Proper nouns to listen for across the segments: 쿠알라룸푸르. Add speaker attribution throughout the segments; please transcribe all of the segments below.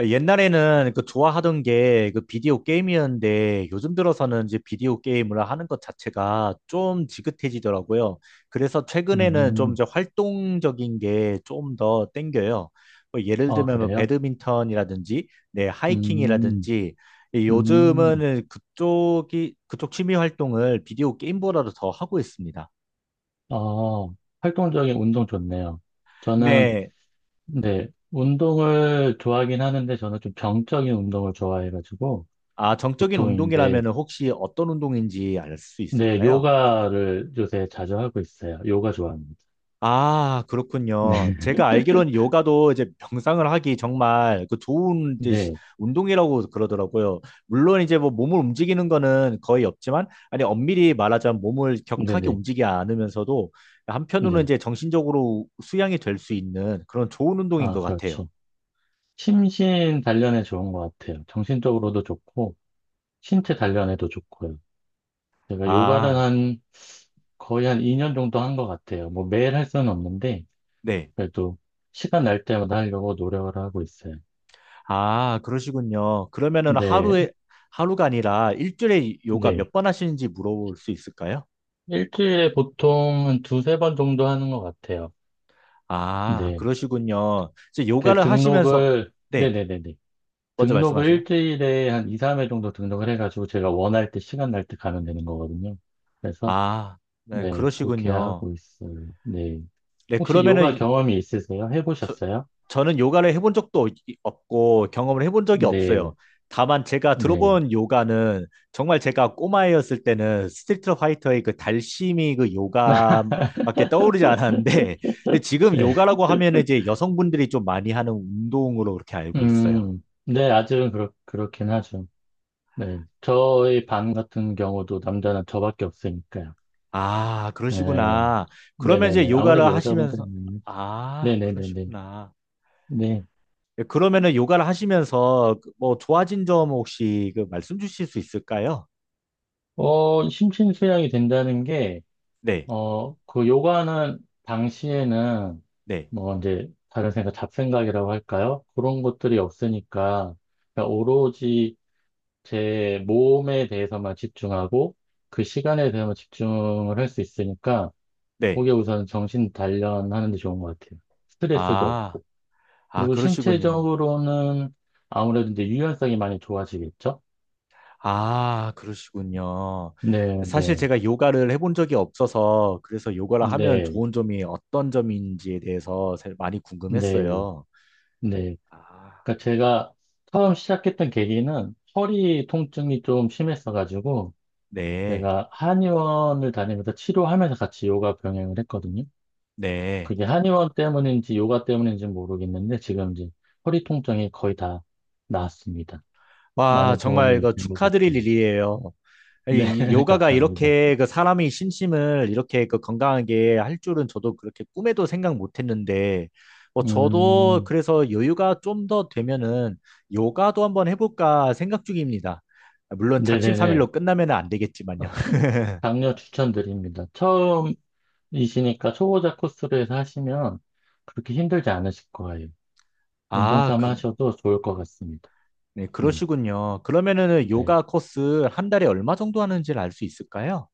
Speaker 1: 아, 옛날에는 그 좋아하던 게 그 비디오 게임이었는데 요즘 들어서는 이제 비디오 게임을 하는 것 자체가 좀 지긋해지더라고요. 그래서 최근에는 좀
Speaker 2: 음,
Speaker 1: 이제 활동적인 게 좀 더 땡겨요. 뭐 예를
Speaker 2: 아,
Speaker 1: 들면 뭐
Speaker 2: 그래요?
Speaker 1: 배드민턴이라든지 네,
Speaker 2: 음,
Speaker 1: 하이킹이라든지 이
Speaker 2: 음,
Speaker 1: 요즘은 그쪽 취미 활동을 비디오 게임보다도 더 하고 있습니다.
Speaker 2: 아, 활동적인 운동 좋네요. 저는,
Speaker 1: 네.
Speaker 2: 네, 운동을 좋아하긴 하는데, 저는 좀 병적인 운동을 좋아해가지고,
Speaker 1: 아, 정적인
Speaker 2: 보통 이제,
Speaker 1: 운동이라면 혹시 어떤 운동인지 알 수
Speaker 2: 네,
Speaker 1: 있을까요?
Speaker 2: 요가를 요새 자주 하고 있어요. 요가 좋아합니다.
Speaker 1: 아,
Speaker 2: 네,
Speaker 1: 그렇군요. 제가 알기로는 요가도 이제 명상을 하기 정말 그 좋은 이제
Speaker 2: 네,
Speaker 1: 운동이라고 그러더라고요. 물론 이제 뭐 몸을 움직이는 거는 거의 없지만, 아니, 엄밀히 말하자면 몸을
Speaker 2: 네,
Speaker 1: 격하게
Speaker 2: 네,
Speaker 1: 움직이지 않으면서도 한편으로는
Speaker 2: 네.
Speaker 1: 이제 정신적으로 수양이 될 수 있는 그런 좋은 운동인
Speaker 2: 아,
Speaker 1: 것 같아요.
Speaker 2: 그렇죠. 심신 단련에 좋은 것 같아요. 정신적으로도 좋고, 신체 단련에도 좋고요. 제가 요가를
Speaker 1: 아,
Speaker 2: 한 거의 한 2년 정도 한 것 같아요. 뭐 매일 할 수는 없는데
Speaker 1: 네.
Speaker 2: 그래도 시간 날 때마다 하려고 노력을 하고 있어요.
Speaker 1: 아, 그러시군요. 그러면은
Speaker 2: 네,
Speaker 1: 하루에, 하루가 아니라 일주일에 요가
Speaker 2: 네.
Speaker 1: 몇 번 하시는지 물어볼 수 있을까요?
Speaker 2: 일주일에 보통 한 두세 번 정도 하는 것 같아요.
Speaker 1: 아,
Speaker 2: 네.
Speaker 1: 그러시군요. 이제
Speaker 2: 그
Speaker 1: 요가를 하시면서,
Speaker 2: 등록을
Speaker 1: 네,
Speaker 2: 네네네네.
Speaker 1: 먼저
Speaker 2: 등록을
Speaker 1: 말씀하세요.
Speaker 2: 일주일에 한 2, 3회 정도 등록을 해가지고 제가 원할 때 시간 날 때 가면 되는 거거든요. 그래서
Speaker 1: 아, 네,
Speaker 2: 네, 그렇게
Speaker 1: 그러시군요.
Speaker 2: 하고 있어요. 네.
Speaker 1: 네,
Speaker 2: 혹시
Speaker 1: 그러면은
Speaker 2: 요가 경험이 있으세요?
Speaker 1: 저,
Speaker 2: 해보셨어요?
Speaker 1: 저는 요가를 해본 적도 없고 경험을 해본 적이
Speaker 2: 네.
Speaker 1: 없어요. 다만 제가
Speaker 2: 네.
Speaker 1: 들어본 요가는 정말 제가 꼬마였을 때는 스트리트 파이터의 그 달심이 그 요가밖에 떠오르지 않았는데, 근데 지금
Speaker 2: 네.
Speaker 1: 요가라고 하면 이제 여성분들이 좀 많이 하는 운동으로 그렇게 알고 있어요.
Speaker 2: 네, 아직은 그렇긴 하죠. 네. 저희 반 같은 경우도 남자는 저밖에 없으니까요.
Speaker 1: 아,
Speaker 2: 네.
Speaker 1: 그러시구나. 그러면 이제
Speaker 2: 네네네. 아무래도
Speaker 1: 요가를
Speaker 2: 여자분들이
Speaker 1: 하시면서,
Speaker 2: 많이
Speaker 1: 아,
Speaker 2: 네네네네.
Speaker 1: 그러시구나.
Speaker 2: 네.
Speaker 1: 예, 그러면은 요가를 하시면서 그뭐 좋아진 점 혹시 그 말씀 주실 수 있을까요?
Speaker 2: 어, 심신수양이 된다는 게,
Speaker 1: 네,
Speaker 2: 어, 그 요가는 당시에는
Speaker 1: 네,
Speaker 2: 뭐 이제 다른 생각, 잡생각이라고 할까요? 그런 것들이 없으니까 그러니까 오로지 제 몸에 대해서만 집중하고 그 시간에 대해서만 집중을 할 수 있으니까
Speaker 1: 네.
Speaker 2: 그게 우선 정신 단련하는 데 좋은 것 같아요. 스트레스도
Speaker 1: 아,
Speaker 2: 없고.
Speaker 1: 아,
Speaker 2: 그리고
Speaker 1: 그러시군요.
Speaker 2: 신체적으로는 아무래도 이제 유연성이 많이 좋아지겠죠?
Speaker 1: 아, 그러시군요.
Speaker 2: 네,
Speaker 1: 사실
Speaker 2: 네,
Speaker 1: 제가 요가를 해본 적이 없어서 그래서 요가를 하면
Speaker 2: 네,
Speaker 1: 좋은 점이 어떤 점인지에 대해서 사실 많이
Speaker 2: 네,
Speaker 1: 궁금했어요.
Speaker 2: 네.
Speaker 1: 아,
Speaker 2: 그러니까 제가 처음 시작했던 계기는 허리 통증이 좀 심했어가지고
Speaker 1: 네,
Speaker 2: 제가 한의원을 다니면서 치료하면서 같이 요가 병행을 했거든요.
Speaker 1: 네.
Speaker 2: 그게 한의원 때문인지 요가 때문인지 모르겠는데 지금 이제 허리 통증이 거의 다 나았습니다.
Speaker 1: 와,
Speaker 2: 많은
Speaker 1: 정말
Speaker 2: 도움이
Speaker 1: 이거
Speaker 2: 된 것
Speaker 1: 축하드릴
Speaker 2: 같아요.
Speaker 1: 일이에요.
Speaker 2: 네,
Speaker 1: 이 요가가
Speaker 2: 감사합니다.
Speaker 1: 이렇게 그 사람의 심심을 이렇게 그 건강하게 할 줄은 저도 그렇게 꿈에도 생각 못 했는데, 뭐 저도
Speaker 2: 음,
Speaker 1: 그래서 여유가 좀 더 되면은 요가도 한번 해볼까 생각 중입니다. 물론
Speaker 2: 네네네.
Speaker 1: 작심삼일로 끝나면 안 되겠지만요.
Speaker 2: 강력 추천드립니다. 처음이시니까 초보자 코스로 해서 하시면 그렇게 힘들지 않으실 거예요. 운동
Speaker 1: 아,
Speaker 2: 삼아
Speaker 1: 그,
Speaker 2: 하셔도 좋을 것 같습니다.
Speaker 1: 네,
Speaker 2: 네,
Speaker 1: 그러시군요. 그러면은
Speaker 2: 네.
Speaker 1: 요가 코스 한 달에 얼마 정도 하는지를 알 수 있을까요?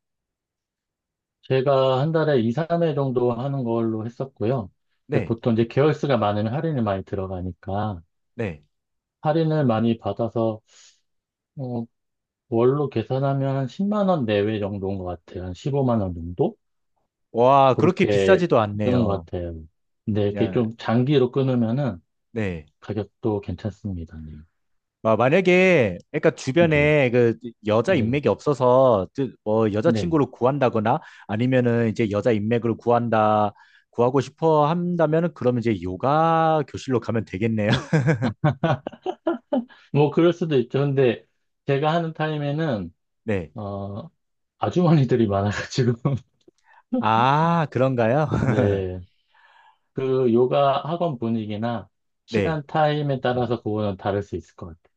Speaker 2: 제가 한 달에 2, 3회 정도 하는 걸로 했었고요. 근데
Speaker 1: 네,
Speaker 2: 보통 이제 개월 수가 많으면 할인이 많이 들어가니까
Speaker 1: 네.
Speaker 2: 할인을 많이 받아서 어, 월로 계산하면 한 10만 원 내외 정도인 것 같아요. 한 15만 원 정도?
Speaker 1: 와, 그렇게
Speaker 2: 그렇게
Speaker 1: 비싸지도
Speaker 2: 끄는 것
Speaker 1: 않네요.
Speaker 2: 같아요. 근데 이렇게
Speaker 1: 야,
Speaker 2: 좀 장기로 끊으면은
Speaker 1: 네.
Speaker 2: 가격도 괜찮습니다. 네.
Speaker 1: 아, 만약에 그러니까
Speaker 2: 네.
Speaker 1: 주변에 그 여자
Speaker 2: 네.
Speaker 1: 인맥이 없어서 그 뭐
Speaker 2: 네.
Speaker 1: 여자친구를 구한다거나 아니면은 이제 여자 인맥을 구한다 구하고 싶어 한다면은 그러면 이제 요가 교실로 가면 되겠네요.
Speaker 2: 뭐 그럴 수도 있죠. 근데 제가 하는 타임에는
Speaker 1: 네.
Speaker 2: 어, 아주머니들이 많아가지고
Speaker 1: 아, 그런가요?
Speaker 2: 네. 그 요가 학원 분위기나
Speaker 1: 네.
Speaker 2: 시간 타임에 따라서 그거는 다를 수 있을 것 같아요.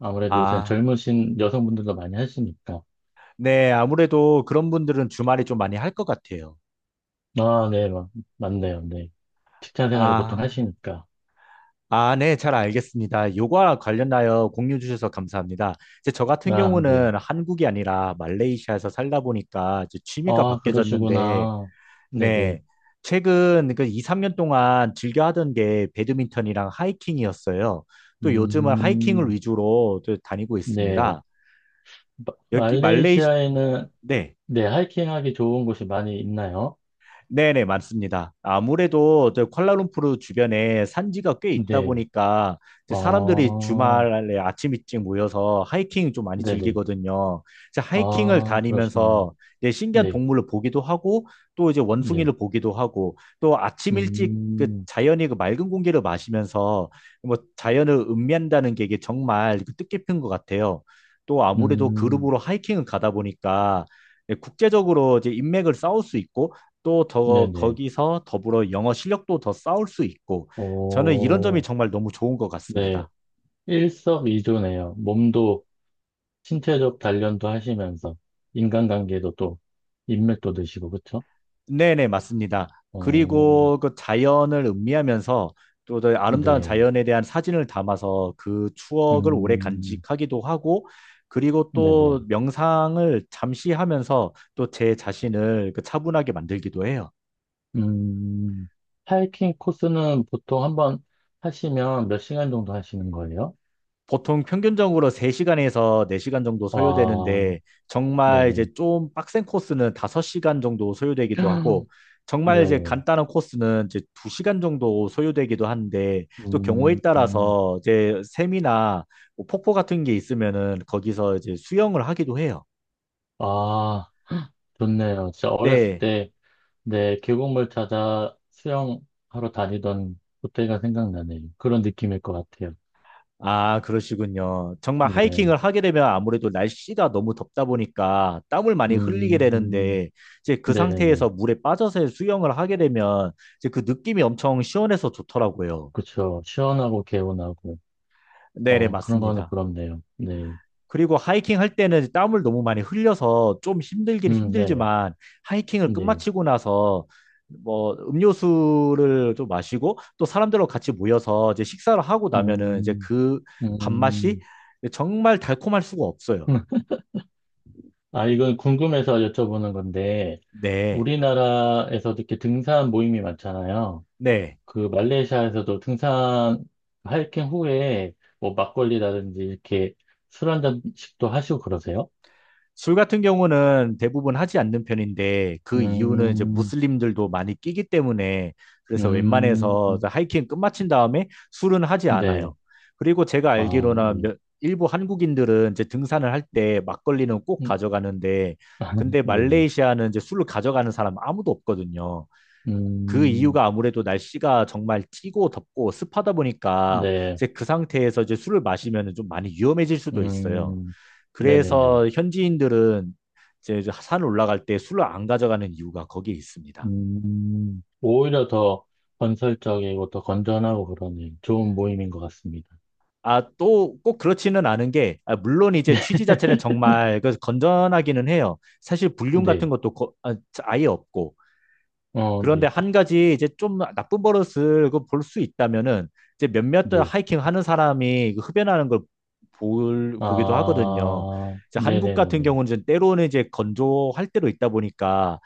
Speaker 2: 아무래도 요새는
Speaker 1: 아,
Speaker 2: 젊으신 여성분들도 많이 하시니까.
Speaker 1: 네. 아무래도 그런 분들은 주말에 좀 많이 할 것 같아요.
Speaker 2: 아, 네, 맞네요. 네. 직장 생활을 보통
Speaker 1: 아.
Speaker 2: 하시니까.
Speaker 1: 아, 네, 잘 알겠습니다. 요거와 관련하여 공유 주셔서 감사합니다. 이제 저 같은
Speaker 2: 아, 네.
Speaker 1: 경우는 한국이 아니라 말레이시아에서 살다 보니까 이제 취미가
Speaker 2: 아,
Speaker 1: 바뀌어졌는데,
Speaker 2: 그러시구나. 네네.
Speaker 1: 네, 최근 그 2, 3년 동안 즐겨 하던 게 배드민턴이랑 하이킹이었어요. 또 요즘은 하이킹을
Speaker 2: 음,
Speaker 1: 위주로 또 다니고
Speaker 2: 네.
Speaker 1: 있습니다.
Speaker 2: 마-
Speaker 1: 여기 말레이시,
Speaker 2: 말레이시아에는,
Speaker 1: 네.
Speaker 2: 네, 하이킹하기 좋은 곳이 많이 있나요?
Speaker 1: 네네, 맞습니다. 아무래도 저 쿠알라룸푸르 주변에 산지가 꽤 있다
Speaker 2: 네.
Speaker 1: 보니까 이제
Speaker 2: 아,
Speaker 1: 사람들이 주말에 아침 일찍 모여서 하이킹 좀 많이
Speaker 2: 네네.
Speaker 1: 즐기거든요. 이제 하이킹을
Speaker 2: 아, 그러시면,
Speaker 1: 다니면서 이제 신기한
Speaker 2: 네,
Speaker 1: 동물을 보기도 하고 또 이제
Speaker 2: 네.
Speaker 1: 원숭이를 보기도 하고 또 아침 일찍 그
Speaker 2: 음,
Speaker 1: 자연이 그 맑은 공기를 마시면서 뭐 자연을 음미한다는 게 이게 정말 그 뜻깊은 것 같아요. 또 아무래도
Speaker 2: 음,
Speaker 1: 그룹으로 하이킹을 가다 보니까 국제적으로 이제 인맥을 쌓을 수 있고 또 더
Speaker 2: 네네.
Speaker 1: 거기서 더불어 영어 실력도 더 쌓을 수 있고 저는 이런 점이
Speaker 2: 오,
Speaker 1: 정말 너무 좋은 것
Speaker 2: 네.
Speaker 1: 같습니다.
Speaker 2: 일석이조네요. 몸도 신체적 단련도 하시면서 인간관계도 또 인맥도 드시고 그쵸?
Speaker 1: 네네, 맞습니다.
Speaker 2: 어,
Speaker 1: 그리고 그 자연을 음미하면서 또더 아름다운
Speaker 2: 네,
Speaker 1: 자연에 대한 사진을 담아서 그 추억을 오래
Speaker 2: 음,
Speaker 1: 간직하기도 하고 그리고
Speaker 2: 네네,
Speaker 1: 또 명상을 잠시 하면서 또 제 자신을 그 차분하게 만들기도 해요.
Speaker 2: 음, 하이킹 코스는 보통 한번 하시면 몇 시간 정도 하시는 거예요?
Speaker 1: 보통 평균적으로 3시간에서 4시간 정도
Speaker 2: 와,
Speaker 1: 소요되는데 정말
Speaker 2: 네네,
Speaker 1: 이제 좀 빡센 코스는 5시간 정도 소요되기도 하고 정말 이제
Speaker 2: 네,
Speaker 1: 간단한 코스는 이제 2시간 정도 소요되기도 하는데 또 경우에
Speaker 2: 음, 음.
Speaker 1: 따라서 이제 샘이나 뭐 폭포 같은 게 있으면은 거기서 이제 수영을 하기도 해요.
Speaker 2: 아, 좋네요. 진짜 어렸을
Speaker 1: 네.
Speaker 2: 때, 네, 계곡물 찾아 수영하러 다니던 그때가 생각나네요. 그런 느낌일 것 같아요.
Speaker 1: 아, 그러시군요. 정말
Speaker 2: 네.
Speaker 1: 하이킹을 하게 되면 아무래도 날씨가 너무 덥다 보니까 땀을 많이 흘리게
Speaker 2: 음,
Speaker 1: 되는데 이제 그
Speaker 2: 네네네.
Speaker 1: 상태에서 물에 빠져서 수영을 하게 되면 이제 그 느낌이 엄청 시원해서 좋더라고요.
Speaker 2: 그쵸. 시원하고 개운하고,
Speaker 1: 네네,
Speaker 2: 어, 그런 거는
Speaker 1: 맞습니다.
Speaker 2: 부럽네요. 네.
Speaker 1: 그리고 하이킹 할 때는 땀을 너무 많이 흘려서 좀 힘들긴
Speaker 2: 네.
Speaker 1: 힘들지만 하이킹을
Speaker 2: 네.
Speaker 1: 끝마치고 나서 뭐 음료수를 좀 마시고 또 사람들하고 같이 모여서 이제 식사를 하고 나면은 이제
Speaker 2: 음,
Speaker 1: 그 밥맛이
Speaker 2: 음.
Speaker 1: 정말 달콤할 수가 없어요.
Speaker 2: 아, 이건 궁금해서 여쭤보는 건데,
Speaker 1: 네,
Speaker 2: 우리나라에서 이렇게 등산 모임이 많잖아요.
Speaker 1: 네.
Speaker 2: 그 말레이시아에서도 등산, 하이킹 후에 뭐 막걸리라든지 이렇게 술 한잔씩도 하시고 그러세요?
Speaker 1: 술 같은 경우는 대부분 하지 않는 편인데 그 이유는 이제
Speaker 2: 음,
Speaker 1: 무슬림들도 많이 끼기 때문에 그래서
Speaker 2: 음,
Speaker 1: 웬만해서 하이킹 끝마친 다음에 술은 하지
Speaker 2: 네.
Speaker 1: 않아요. 그리고 제가
Speaker 2: 아,
Speaker 1: 알기로는
Speaker 2: 네.
Speaker 1: 일부 한국인들은 이제 등산을 할 때 막걸리는 꼭
Speaker 2: 음,
Speaker 1: 가져가는데 근데
Speaker 2: 네네.
Speaker 1: 말레이시아는 이제 술을 가져가는 사람 아무도 없거든요. 그
Speaker 2: 음,
Speaker 1: 이유가 아무래도 날씨가 정말 찌고 덥고 습하다 보니까
Speaker 2: 네,
Speaker 1: 이제 그 상태에서 이제 술을 마시면 좀 많이 위험해질 수도 있어요.
Speaker 2: 음, 네네네.
Speaker 1: 그래서 현지인들은 이제 저산 올라갈 때 술을 안 가져가는 이유가 거기에 있습니다.
Speaker 2: 오히려 더 건설적이고 더 건전하고 그러네. 좋은 모임인 것 같습니다.
Speaker 1: 아, 또 꼭 그렇지는 않은 게, 아, 물론 이제 취지 자체는 정말 그 건전하기는 해요. 사실 불륜 같은
Speaker 2: 네,
Speaker 1: 것도 아예 없고,
Speaker 2: 어,
Speaker 1: 그런데
Speaker 2: 네,
Speaker 1: 한 가지 이제 좀 나쁜 버릇을 그 볼수 있다면은 이제 몇몇
Speaker 2: 네.
Speaker 1: 하이킹 하는 사람이 그 흡연하는 걸 보기도 하거든요.
Speaker 2: 아,
Speaker 1: 이제 한국 같은
Speaker 2: 네네네네.
Speaker 1: 경우는 이제 때로는 이제 건조할 때로 있다 보니까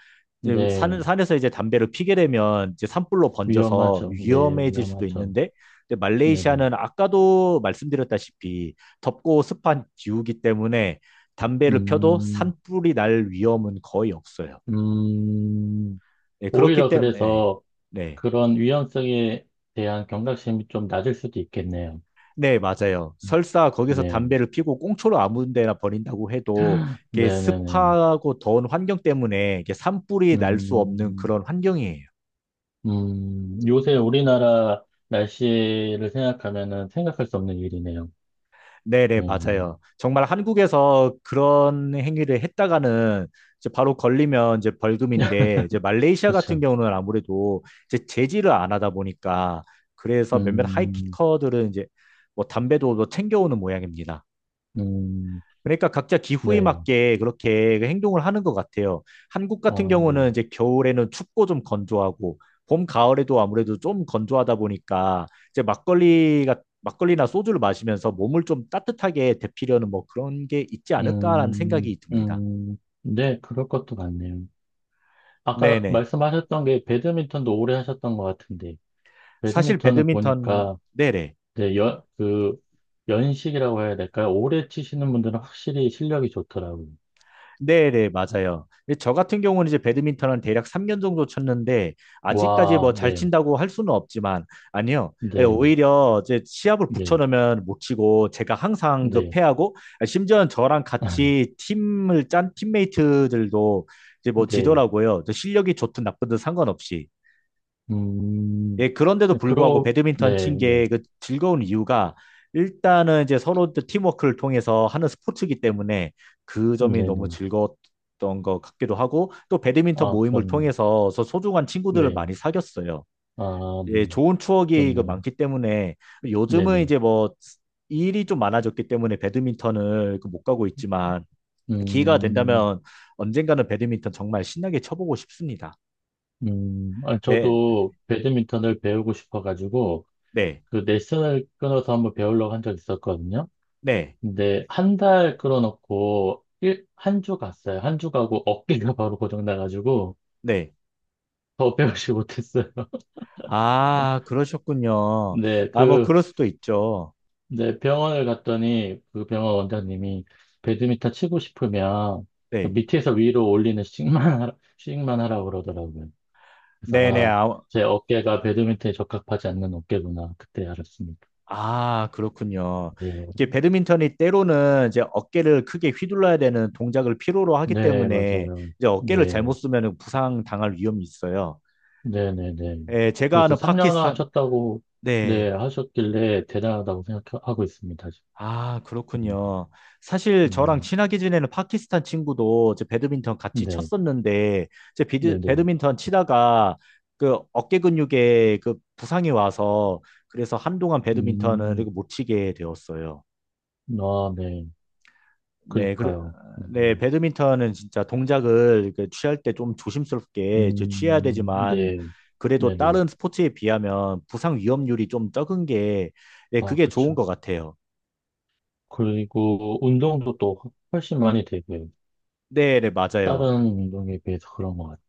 Speaker 1: 이제
Speaker 2: 네,
Speaker 1: 산에서 이제 담배를 피게 되면 이제 산불로 번져서
Speaker 2: 위험하죠. 네,
Speaker 1: 위험해질 수도
Speaker 2: 위험하죠.
Speaker 1: 있는데 근데
Speaker 2: 네네.
Speaker 1: 말레이시아는 아까도 말씀드렸다시피 덥고 습한 기후기 때문에 담배를 펴도
Speaker 2: 음,
Speaker 1: 산불이 날 위험은 거의 없어요.
Speaker 2: 음,
Speaker 1: 네, 그렇기
Speaker 2: 오히려
Speaker 1: 때문에
Speaker 2: 그래서
Speaker 1: 네.
Speaker 2: 그런 위험성에 대한 경각심이 좀 낮을 수도 있겠네요.
Speaker 1: 네, 맞아요. 설사 거기서
Speaker 2: 네,
Speaker 1: 담배를 피고 꽁초로 아무 데나 버린다고 해도 이게
Speaker 2: 네네네.
Speaker 1: 습하고 더운 환경 때문에 이게 산불이 날 수 없는
Speaker 2: 음,
Speaker 1: 그런 환경이에요.
Speaker 2: 요새 우리나라 날씨를 생각하면은 생각할 수 없는 일이네요.
Speaker 1: 네, 네,
Speaker 2: 음,
Speaker 1: 맞아요. 정말 한국에서 그런 행위를 했다가는 이제 바로 걸리면 이제 벌금인데 이제 말레이시아 같은
Speaker 2: 그렇죠.
Speaker 1: 경우는 아무래도 이제 제지를 안 하다 보니까 그래서 몇몇
Speaker 2: 음,
Speaker 1: 하이킥커들은 이제 뭐 담배도 뭐 챙겨오는 모양입니다.
Speaker 2: 음,
Speaker 1: 그러니까 각자 기후에
Speaker 2: 네,
Speaker 1: 맞게 그렇게 행동을 하는 것 같아요. 한국 같은
Speaker 2: 아, 네.
Speaker 1: 경우는 이제 겨울에는 춥고 좀 건조하고 봄, 가을에도 아무래도 좀 건조하다 보니까 이제 막걸리가 막걸리나 소주를 마시면서 몸을 좀 따뜻하게 데피려는 뭐 그런 게 있지 않을까라는 생각이 듭니다.
Speaker 2: 네, 그럴 것도 같네요. 아까
Speaker 1: 네네.
Speaker 2: 말씀하셨던 게 배드민턴도 오래 하셨던 것 같은데,
Speaker 1: 사실
Speaker 2: 배드민턴은
Speaker 1: 배드민턴,
Speaker 2: 보니까,
Speaker 1: 네네.
Speaker 2: 네, 연식이라고 해야 될까요? 오래 치시는 분들은 확실히 실력이 좋더라고요.
Speaker 1: 네네, 맞아요. 근데 저 같은 경우는 이제 배드민턴은 대략 3년 정도 쳤는데, 아직까지 뭐
Speaker 2: 와,
Speaker 1: 잘
Speaker 2: 네,
Speaker 1: 친다고 할 수는 없지만, 아니요. 예,
Speaker 2: 네,
Speaker 1: 오히려 이제 시합을
Speaker 2: 네,
Speaker 1: 붙여놓으면 못 치고, 제가 항상 그
Speaker 2: 네.
Speaker 1: 패하고, 예, 심지어 저랑 같이 팀을 짠 팀메이트들도 이제 뭐
Speaker 2: 네.
Speaker 1: 지더라고요. 저 실력이 좋든 나쁘든 상관없이.
Speaker 2: 음,
Speaker 1: 예, 그런데도
Speaker 2: 네,
Speaker 1: 불구하고
Speaker 2: 그러,
Speaker 1: 배드민턴
Speaker 2: 네,
Speaker 1: 친
Speaker 2: 네.
Speaker 1: 게 그 즐거운 이유가 일단은 이제 서로 또 팀워크를 통해서 하는 스포츠이기 때문에 그 점이 너무
Speaker 2: 네네.
Speaker 1: 즐거웠던 것 같기도 하고 또 배드민턴
Speaker 2: 아,
Speaker 1: 모임을
Speaker 2: 그럼요.
Speaker 1: 통해서 소중한 친구들을
Speaker 2: 네.
Speaker 1: 많이 사귀었어요.
Speaker 2: 아,
Speaker 1: 예,
Speaker 2: 네.
Speaker 1: 좋은 추억이 그
Speaker 2: 좋네요.
Speaker 1: 많기 때문에 요즘은
Speaker 2: 네네.
Speaker 1: 이제 뭐 일이 좀 많아졌기 때문에 배드민턴을 그못 가고 있지만 기회가
Speaker 2: 음,
Speaker 1: 된다면 언젠가는 배드민턴 정말 신나게 쳐보고 싶습니다.
Speaker 2: 아,
Speaker 1: 네,
Speaker 2: 저도 배드민턴을 배우고 싶어가지고,
Speaker 1: 네,
Speaker 2: 그 레슨을 끊어서 한번 배우려고 한 적 있었거든요.
Speaker 1: 네,
Speaker 2: 근데 한 달 끊어놓고, 일, 한 주 갔어요. 한 주 가고 어깨가 바로 고장나가지고,
Speaker 1: 네.
Speaker 2: 더 배우지 못했어요.
Speaker 1: 아, 그러셨군요.
Speaker 2: 네,
Speaker 1: 아, 뭐,
Speaker 2: 그,
Speaker 1: 그럴 수도 있죠.
Speaker 2: 네, 병원을 갔더니 그 병원 원장님이 배드민턴 치고 싶으면 그
Speaker 1: 네.
Speaker 2: 밑에서 위로 올리는 스윙만 하라, 스윙만 하라고 그러더라고요.
Speaker 1: 네네.
Speaker 2: 그래서 아,
Speaker 1: 아,
Speaker 2: 제 어깨가 배드민턴에 적합하지 않는 어깨구나. 그때 알았습니다.
Speaker 1: 아, 그렇군요.
Speaker 2: 네,
Speaker 1: 이게 배드민턴이 때로는 이제 어깨를 크게 휘둘러야 되는 동작을 필요로 하기
Speaker 2: 네,
Speaker 1: 때문에
Speaker 2: 맞아요.
Speaker 1: 이제 어깨를 잘못
Speaker 2: 네,
Speaker 1: 쓰면 부상 당할 위험이 있어요.
Speaker 2: 네, 네, 네.
Speaker 1: 예, 제가
Speaker 2: 그래서
Speaker 1: 아는
Speaker 2: 3년을
Speaker 1: 파키스탄,
Speaker 2: 하셨다고, 네,
Speaker 1: 네.
Speaker 2: 하셨길래 대단하다고 생각하고 있습니다. 지금.
Speaker 1: 아,
Speaker 2: 음,
Speaker 1: 그렇군요. 사실 저랑
Speaker 2: 음,
Speaker 1: 친하게 지내는 파키스탄 친구도 제 배드민턴 같이
Speaker 2: 네,
Speaker 1: 쳤었는데,
Speaker 2: 네, 네.
Speaker 1: 배드민턴 치다가 그 어깨 근육에 그 부상이 와서 그래서 한동안 배드민턴을
Speaker 2: 음,
Speaker 1: 이거 못 치게 되었어요.
Speaker 2: 아, 네.
Speaker 1: 네, 그래,
Speaker 2: 그러니까요.
Speaker 1: 네,
Speaker 2: 음.
Speaker 1: 배드민턴은 진짜 동작을 그 취할 때 좀 조심스럽게 이제 취해야 되지만,
Speaker 2: 네,
Speaker 1: 그래도
Speaker 2: 네네.
Speaker 1: 다른 스포츠에 비하면 부상 위험률이 좀 적은 게, 네,
Speaker 2: 아,
Speaker 1: 그게 좋은
Speaker 2: 그쵸.
Speaker 1: 것 같아요.
Speaker 2: 그리고 운동도 또 훨씬 많이 되고요.
Speaker 1: 네, 네, 맞아요.
Speaker 2: 다른 운동에 비해서 그런 것 같아요.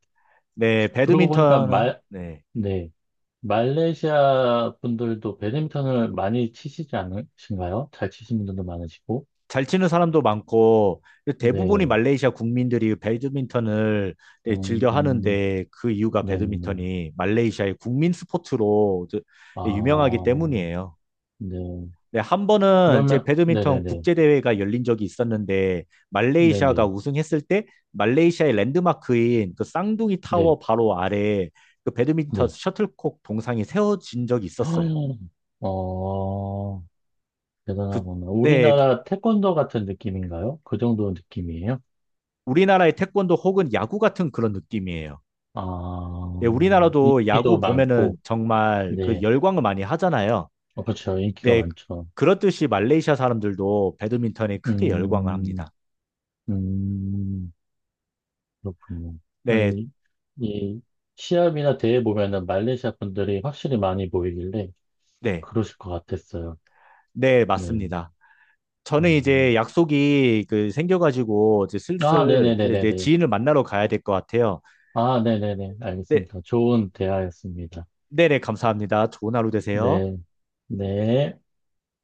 Speaker 1: 네,
Speaker 2: 그러고 보니까
Speaker 1: 배드민턴은 네.
Speaker 2: 네, 말레이시아 분들도 배드민턴을 많이 치시지 않으신가요? 잘 치시는 분들도 많으시고.
Speaker 1: 잘 치는 사람도 많고 대부분이
Speaker 2: 네,
Speaker 1: 말레이시아 국민들이 배드민턴을 네, 즐겨
Speaker 2: 음,
Speaker 1: 하는데 그 이유가
Speaker 2: 네네네.
Speaker 1: 배드민턴이 말레이시아의 국민 스포츠로 유명하기
Speaker 2: 아,
Speaker 1: 때문이에요.
Speaker 2: 네.
Speaker 1: 네, 한 번은 이제
Speaker 2: 그러면,
Speaker 1: 배드민턴
Speaker 2: 네네네.
Speaker 1: 국제대회가 열린 적이 있었는데 말레이시아가
Speaker 2: 네네.
Speaker 1: 우승했을 때 말레이시아의 랜드마크인 그 쌍둥이
Speaker 2: 네,
Speaker 1: 타워 바로 아래 그 배드민턴
Speaker 2: 네.
Speaker 1: 셔틀콕 동상이 세워진 적이 있었어요.
Speaker 2: 어,
Speaker 1: 그,
Speaker 2: 대단하구나.
Speaker 1: 네, 그
Speaker 2: 우리나라 태권도 같은 느낌인가요? 그 정도 느낌이에요?
Speaker 1: 우리나라의 태권도 혹은 야구 같은 그런 느낌이에요.
Speaker 2: 아,
Speaker 1: 네, 우리나라도 야구
Speaker 2: 인기도
Speaker 1: 보면은
Speaker 2: 많고,
Speaker 1: 정말 그
Speaker 2: 네.
Speaker 1: 열광을 많이 하잖아요.
Speaker 2: 어, 그렇죠. 인기가
Speaker 1: 네,
Speaker 2: 많죠.
Speaker 1: 그렇듯이 말레이시아 사람들도 배드민턴에 크게 열광을
Speaker 2: 음,
Speaker 1: 합니다.
Speaker 2: 음, 그렇군요.
Speaker 1: 네,
Speaker 2: 아니, 이 시합이나 대회 보면은 말레이시아 분들이 확실히 많이 보이길래
Speaker 1: 네,
Speaker 2: 그러실 것 같았어요.
Speaker 1: 네,
Speaker 2: 네.
Speaker 1: 맞습니다. 저는
Speaker 2: 음.
Speaker 1: 이제 약속이 그 생겨가지고 이제
Speaker 2: 아,
Speaker 1: 슬슬 이제
Speaker 2: 네네네네네.
Speaker 1: 지인을 만나러 가야 될 것 같아요.
Speaker 2: 아, 네네네.
Speaker 1: 네,
Speaker 2: 알겠습니다. 좋은 대화였습니다.
Speaker 1: 네네, 감사합니다. 좋은 하루 되세요.
Speaker 2: 네. 네.